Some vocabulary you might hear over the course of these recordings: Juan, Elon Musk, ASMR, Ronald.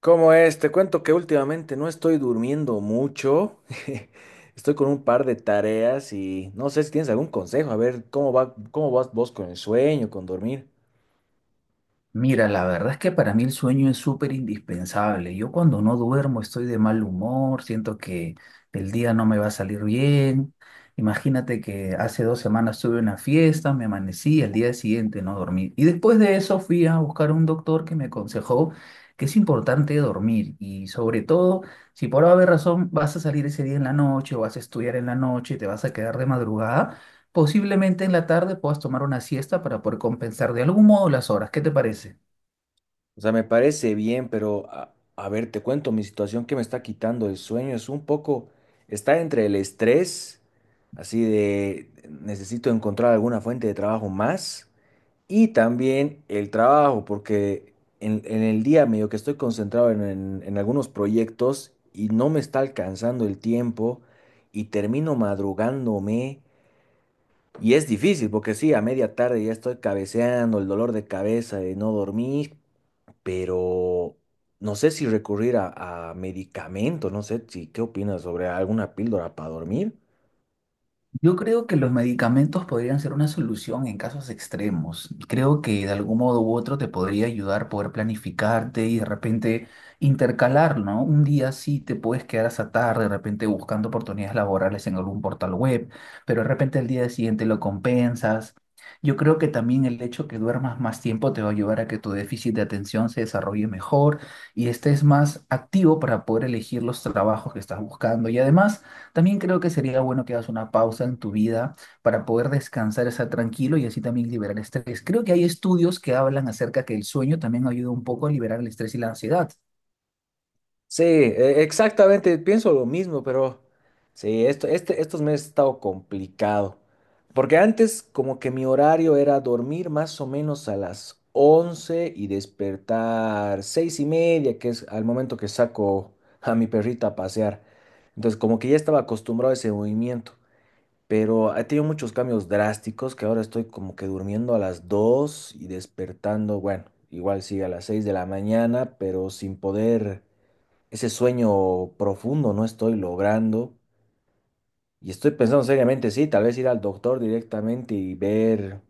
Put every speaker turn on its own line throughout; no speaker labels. ¿Cómo es? Te cuento que últimamente no estoy durmiendo mucho. Estoy con un par de tareas y no sé si tienes algún consejo. A ver, ¿cómo va, cómo vas vos con el sueño, con dormir?
Mira, la verdad es que para mí el sueño es súper indispensable. Yo cuando no duermo estoy de mal humor, siento que el día no me va a salir bien. Imagínate que hace 2 semanas tuve una fiesta, me amanecí, al día siguiente no dormí. Y después de eso fui a buscar un doctor que me aconsejó que es importante dormir y, sobre todo, si por haber razón vas a salir ese día en la noche o vas a estudiar en la noche y te vas a quedar de madrugada, posiblemente en la tarde puedas tomar una siesta para poder compensar de algún modo las horas. ¿Qué te parece?
O sea, me parece bien, pero a ver, te cuento mi situación que me está quitando el sueño. Es un poco, está entre el estrés, así de necesito encontrar alguna fuente de trabajo más. Y también el trabajo, porque en el día medio que estoy concentrado en algunos proyectos y no me está alcanzando el tiempo y termino madrugándome. Y es difícil, porque sí, a media tarde ya estoy cabeceando, el dolor de cabeza de no dormir, pero no sé si recurrir a medicamento, no sé si, ¿qué opinas sobre alguna píldora para dormir?
Yo creo que los medicamentos podrían ser una solución en casos extremos. Creo que de algún modo u otro te podría ayudar a poder planificarte y de repente intercalar, ¿no? Un día sí te puedes quedar hasta tarde, de repente buscando oportunidades laborales en algún portal web, pero de repente el día siguiente lo compensas. Yo creo que también el hecho que duermas más tiempo te va a ayudar a que tu déficit de atención se desarrolle mejor y estés más activo para poder elegir los trabajos que estás buscando. Y además... también creo que sería bueno que hagas una pausa en tu vida para poder descansar, estar tranquilo y así también liberar estrés. Creo que hay estudios que hablan acerca que el sueño también ayuda un poco a liberar el estrés y la ansiedad.
Sí, exactamente, pienso lo mismo, pero sí, estos meses ha estado complicado. Porque antes como que mi horario era dormir más o menos a las 11 y despertar 6 y media, que es al momento que saco a mi perrita a pasear. Entonces como que ya estaba acostumbrado a ese movimiento, pero ha tenido muchos cambios drásticos que ahora estoy como que durmiendo a las 2 y despertando, bueno, igual sí a las 6 de la mañana, pero sin poder ese sueño profundo no estoy logrando. Y estoy pensando seriamente, sí, tal vez ir al doctor directamente y ver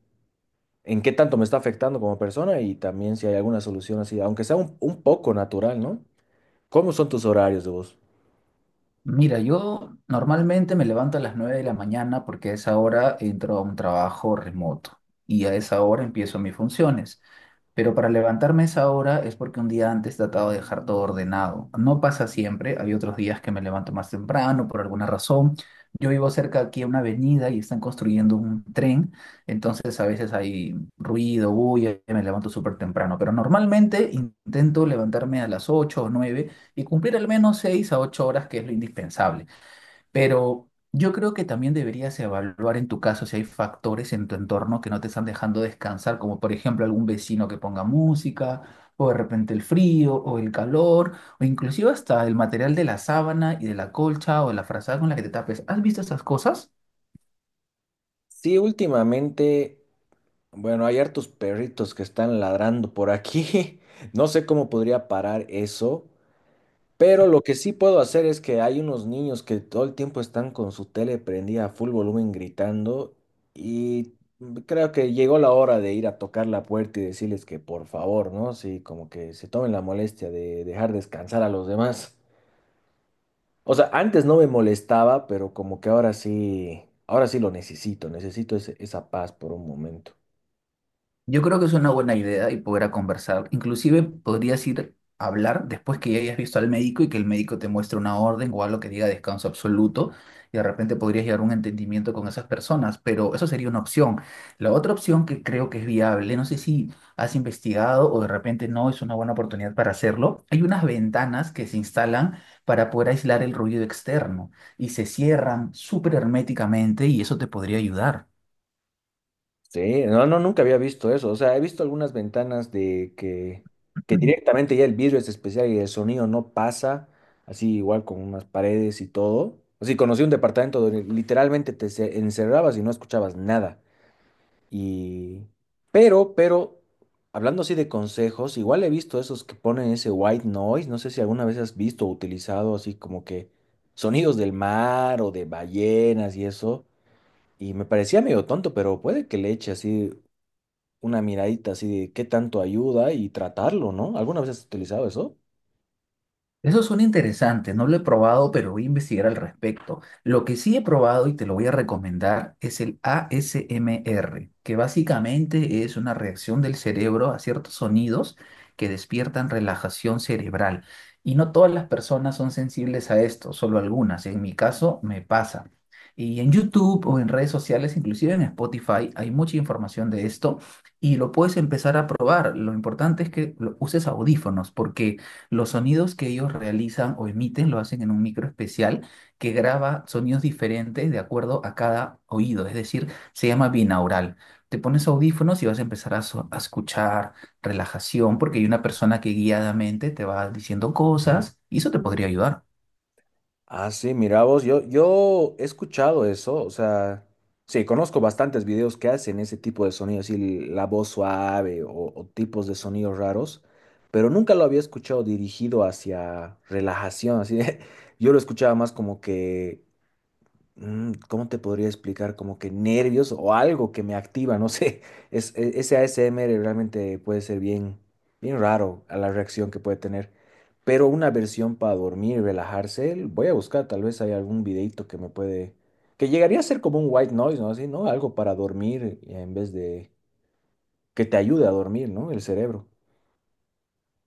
en qué tanto me está afectando como persona y también si hay alguna solución así, aunque sea un poco natural, ¿no? ¿Cómo son tus horarios de vos?
Mira, yo normalmente me levanto a las 9 de la mañana porque a esa hora entro a un trabajo remoto y a esa hora empiezo mis funciones. Pero para levantarme esa hora es porque un día antes he tratado de dejar todo ordenado. No pasa siempre, hay otros días que me levanto más temprano por alguna razón. Yo vivo cerca aquí a una avenida y están construyendo un tren, entonces a veces hay ruido, bulla, y me levanto súper temprano. Pero normalmente intento levantarme a las 8 o 9 y cumplir al menos 6 a 8 horas, que es lo indispensable. Pero yo creo que también deberías evaluar en tu caso si hay factores en tu entorno que no te están dejando descansar, como por ejemplo algún vecino que ponga música, o de repente el frío, o el calor, o inclusive hasta el material de la sábana y de la colcha o de la frazada con la que te tapes. ¿Has visto estas cosas?
Sí, últimamente, bueno, hay hartos perritos que están ladrando por aquí. No sé cómo podría parar eso. Pero lo que sí puedo hacer es que hay unos niños que todo el tiempo están con su tele prendida a full volumen gritando y creo que llegó la hora de ir a tocar la puerta y decirles que por favor, ¿no? Sí, como que se tomen la molestia de dejar descansar a los demás. O sea, antes no me molestaba, pero como que ahora sí lo necesito, necesito esa paz por un momento.
Yo creo que es una buena idea y poder a conversar. Inclusive podrías ir a hablar después que ya hayas visto al médico y que el médico te muestre una orden o algo que diga descanso absoluto, y de repente podrías llegar a un entendimiento con esas personas, pero eso sería una opción. La otra opción que creo que es viable, no sé si has investigado o de repente no es una buena oportunidad para hacerlo, hay unas ventanas que se instalan para poder aislar el ruido externo y se cierran súper herméticamente, y eso te podría ayudar.
Sí, nunca había visto eso. O sea, he visto algunas ventanas que directamente ya el vidrio es especial y el sonido no pasa, así igual con unas paredes y todo. Así conocí un departamento donde literalmente encerrabas y no escuchabas nada. Y, pero, pero, hablando así de consejos, igual he visto esos que ponen ese white noise. No sé si alguna vez has visto o utilizado así como que sonidos del mar o de ballenas y eso. Y me parecía medio tonto, pero puede que le eche así una miradita así de qué tanto ayuda y tratarlo, ¿no? ¿Alguna vez has utilizado eso?
Esos son interesantes, no lo he probado, pero voy a investigar al respecto. Lo que sí he probado y te lo voy a recomendar es el ASMR, que básicamente es una reacción del cerebro a ciertos sonidos que despiertan relajación cerebral. Y no todas las personas son sensibles a esto, solo algunas. En mi caso me pasa. Y en YouTube o en redes sociales, inclusive en Spotify, hay mucha información de esto y lo puedes empezar a probar. Lo importante es que uses audífonos porque... los sonidos que ellos realizan o emiten lo hacen en un micro especial que graba sonidos diferentes de acuerdo a cada oído, es decir, se llama binaural. Te pones audífonos y vas a empezar a escuchar relajación porque hay una persona que guiadamente te va diciendo cosas y eso te podría ayudar.
Ah, sí, mira vos, yo he escuchado eso, o sea, sí, conozco bastantes videos que hacen ese tipo de sonidos, así la voz suave o tipos de sonidos raros, pero nunca lo había escuchado dirigido hacia relajación, así yo lo escuchaba más como que ¿cómo te podría explicar? Como que nervios o algo que me activa, no sé. Ese ASMR realmente puede ser bien, bien raro a la reacción que puede tener. Pero una versión para dormir y relajarse, voy a buscar, tal vez hay algún videito que me puede... Que llegaría a ser como un white noise, ¿no? Así, ¿no? Algo para dormir en vez de... que te ayude a dormir, ¿no? El cerebro.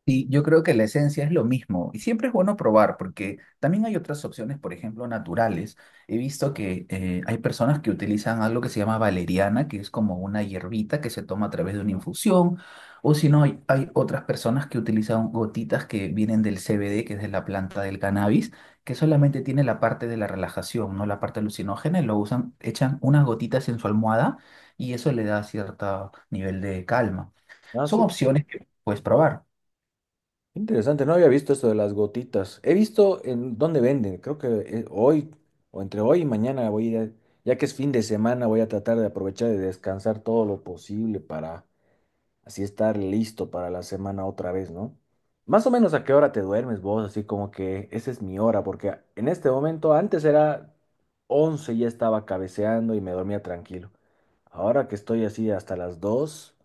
Sí, yo creo que la esencia es lo mismo y siempre es bueno probar porque también hay otras opciones, por ejemplo, naturales. He visto que hay personas que utilizan algo que se llama valeriana, que es como una hierbita que se toma a través de una infusión, o si no, hay otras personas que utilizan gotitas que vienen del CBD, que es de la planta del cannabis, que solamente tiene la parte de la relajación, no la parte alucinógena, y lo usan, echan unas gotitas en su almohada y eso le da cierto nivel de calma.
Ah,
Son
sí,
opciones que puedes probar.
interesante, no había visto esto de las gotitas. He visto en dónde venden. Creo que hoy o entre hoy y mañana voy a, ya que es fin de semana, voy a tratar de aprovechar de descansar todo lo posible para así estar listo para la semana otra vez, ¿no? Más o menos a qué hora te duermes vos, así como que esa es mi hora, porque en este momento antes era 11 y ya estaba cabeceando y me dormía tranquilo. Ahora que estoy así hasta las 2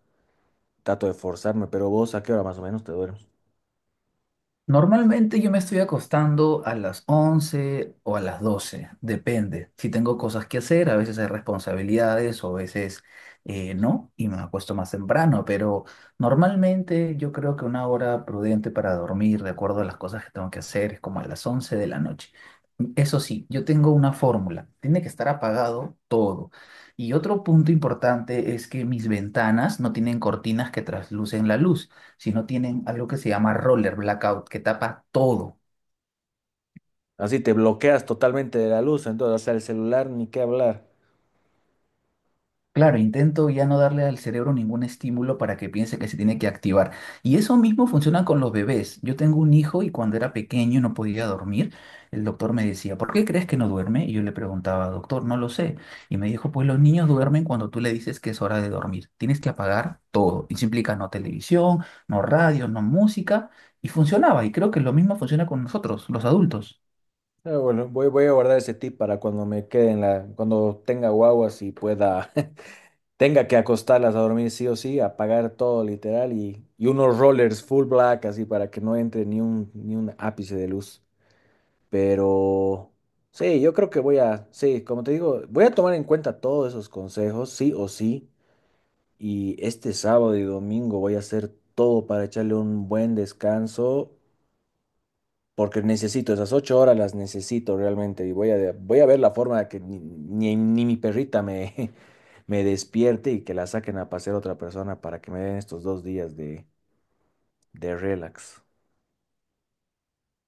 trato de forzarme, pero vos a qué hora más o menos te duermes.
Normalmente yo me estoy acostando a las 11 o a las 12, depende. Si tengo cosas que hacer, a veces hay responsabilidades, o a veces no, y me acuesto más temprano, pero normalmente yo creo que una hora prudente para dormir, de acuerdo a las cosas que tengo que hacer, es como a las 11 de la noche. Eso sí, yo tengo una fórmula: tiene que estar apagado todo. Y otro punto importante es que mis ventanas no tienen cortinas que traslucen la luz, sino tienen algo que se llama roller blackout, que tapa todo.
Así te bloqueas totalmente de la luz, entonces, o sea, el celular ni qué hablar.
Claro, intento ya no darle al cerebro ningún estímulo para que piense que se tiene que activar. Y eso mismo funciona con los bebés. Yo tengo un hijo y cuando era pequeño no podía dormir. El doctor me decía: ¿por qué crees que no duerme? Y yo le preguntaba: doctor, no lo sé. Y me dijo: pues los niños duermen cuando tú le dices que es hora de dormir. Tienes que apagar todo. Y eso implica no televisión, no radio, no música. Y funcionaba. Y creo que lo mismo funciona con nosotros, los adultos.
Pero bueno, voy a guardar ese tip para cuando me quede en la, cuando tenga guaguas y pueda, tenga que acostarlas a dormir sí o sí, apagar todo literal y unos rollers full black así para que no entre ni un ápice de luz. Pero sí, yo creo que voy a, sí, como te digo, voy a tomar en cuenta todos esos consejos, sí o sí. Y este sábado y domingo voy a hacer todo para echarle un buen descanso porque necesito esas 8 horas, las necesito realmente y voy a, voy a ver la forma de que ni mi perrita me, me despierte y que la saquen a pasear a otra persona para que me den estos dos días de relax.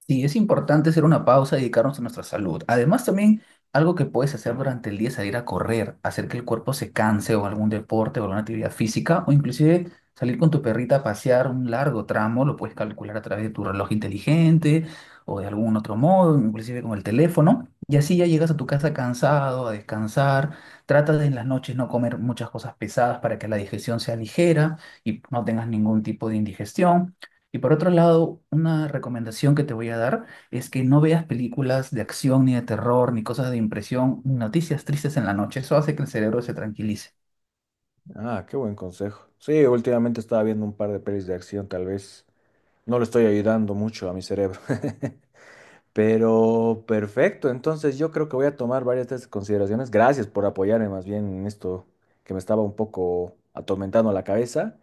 Sí, es importante hacer una pausa y dedicarnos a nuestra salud. Además, también algo que puedes hacer durante el día es salir a correr, hacer que el cuerpo se canse, o algún deporte o alguna actividad física, o inclusive salir con tu perrita a pasear un largo tramo, lo puedes calcular a través de tu reloj inteligente o de algún otro modo, inclusive con el teléfono, y así ya llegas a tu casa cansado, a descansar. Trata de en las noches no comer muchas cosas pesadas para que la digestión sea ligera y no tengas ningún tipo de indigestión. Y por otro lado, una recomendación que te voy a dar es que no veas películas de acción, ni de terror, ni cosas de impresión, ni noticias tristes en la noche. Eso hace que el cerebro se tranquilice.
Ah, qué buen consejo. Sí, últimamente estaba viendo un par de pelis de acción, tal vez no le estoy ayudando mucho a mi cerebro. Pero perfecto, entonces yo creo que voy a tomar varias de estas consideraciones. Gracias por apoyarme más bien en esto que me estaba un poco atormentando la cabeza.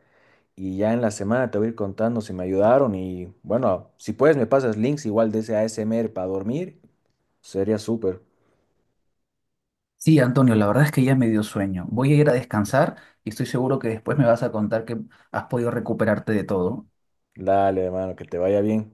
Y ya en la semana te voy a ir contando si me ayudaron y bueno, si puedes me pasas links igual de ese ASMR para dormir, sería súper.
Sí, Antonio, la verdad es que ya me dio sueño. Voy a ir a descansar y estoy seguro que después me vas a contar que has podido recuperarte de todo.
Dale, hermano, que te vaya bien.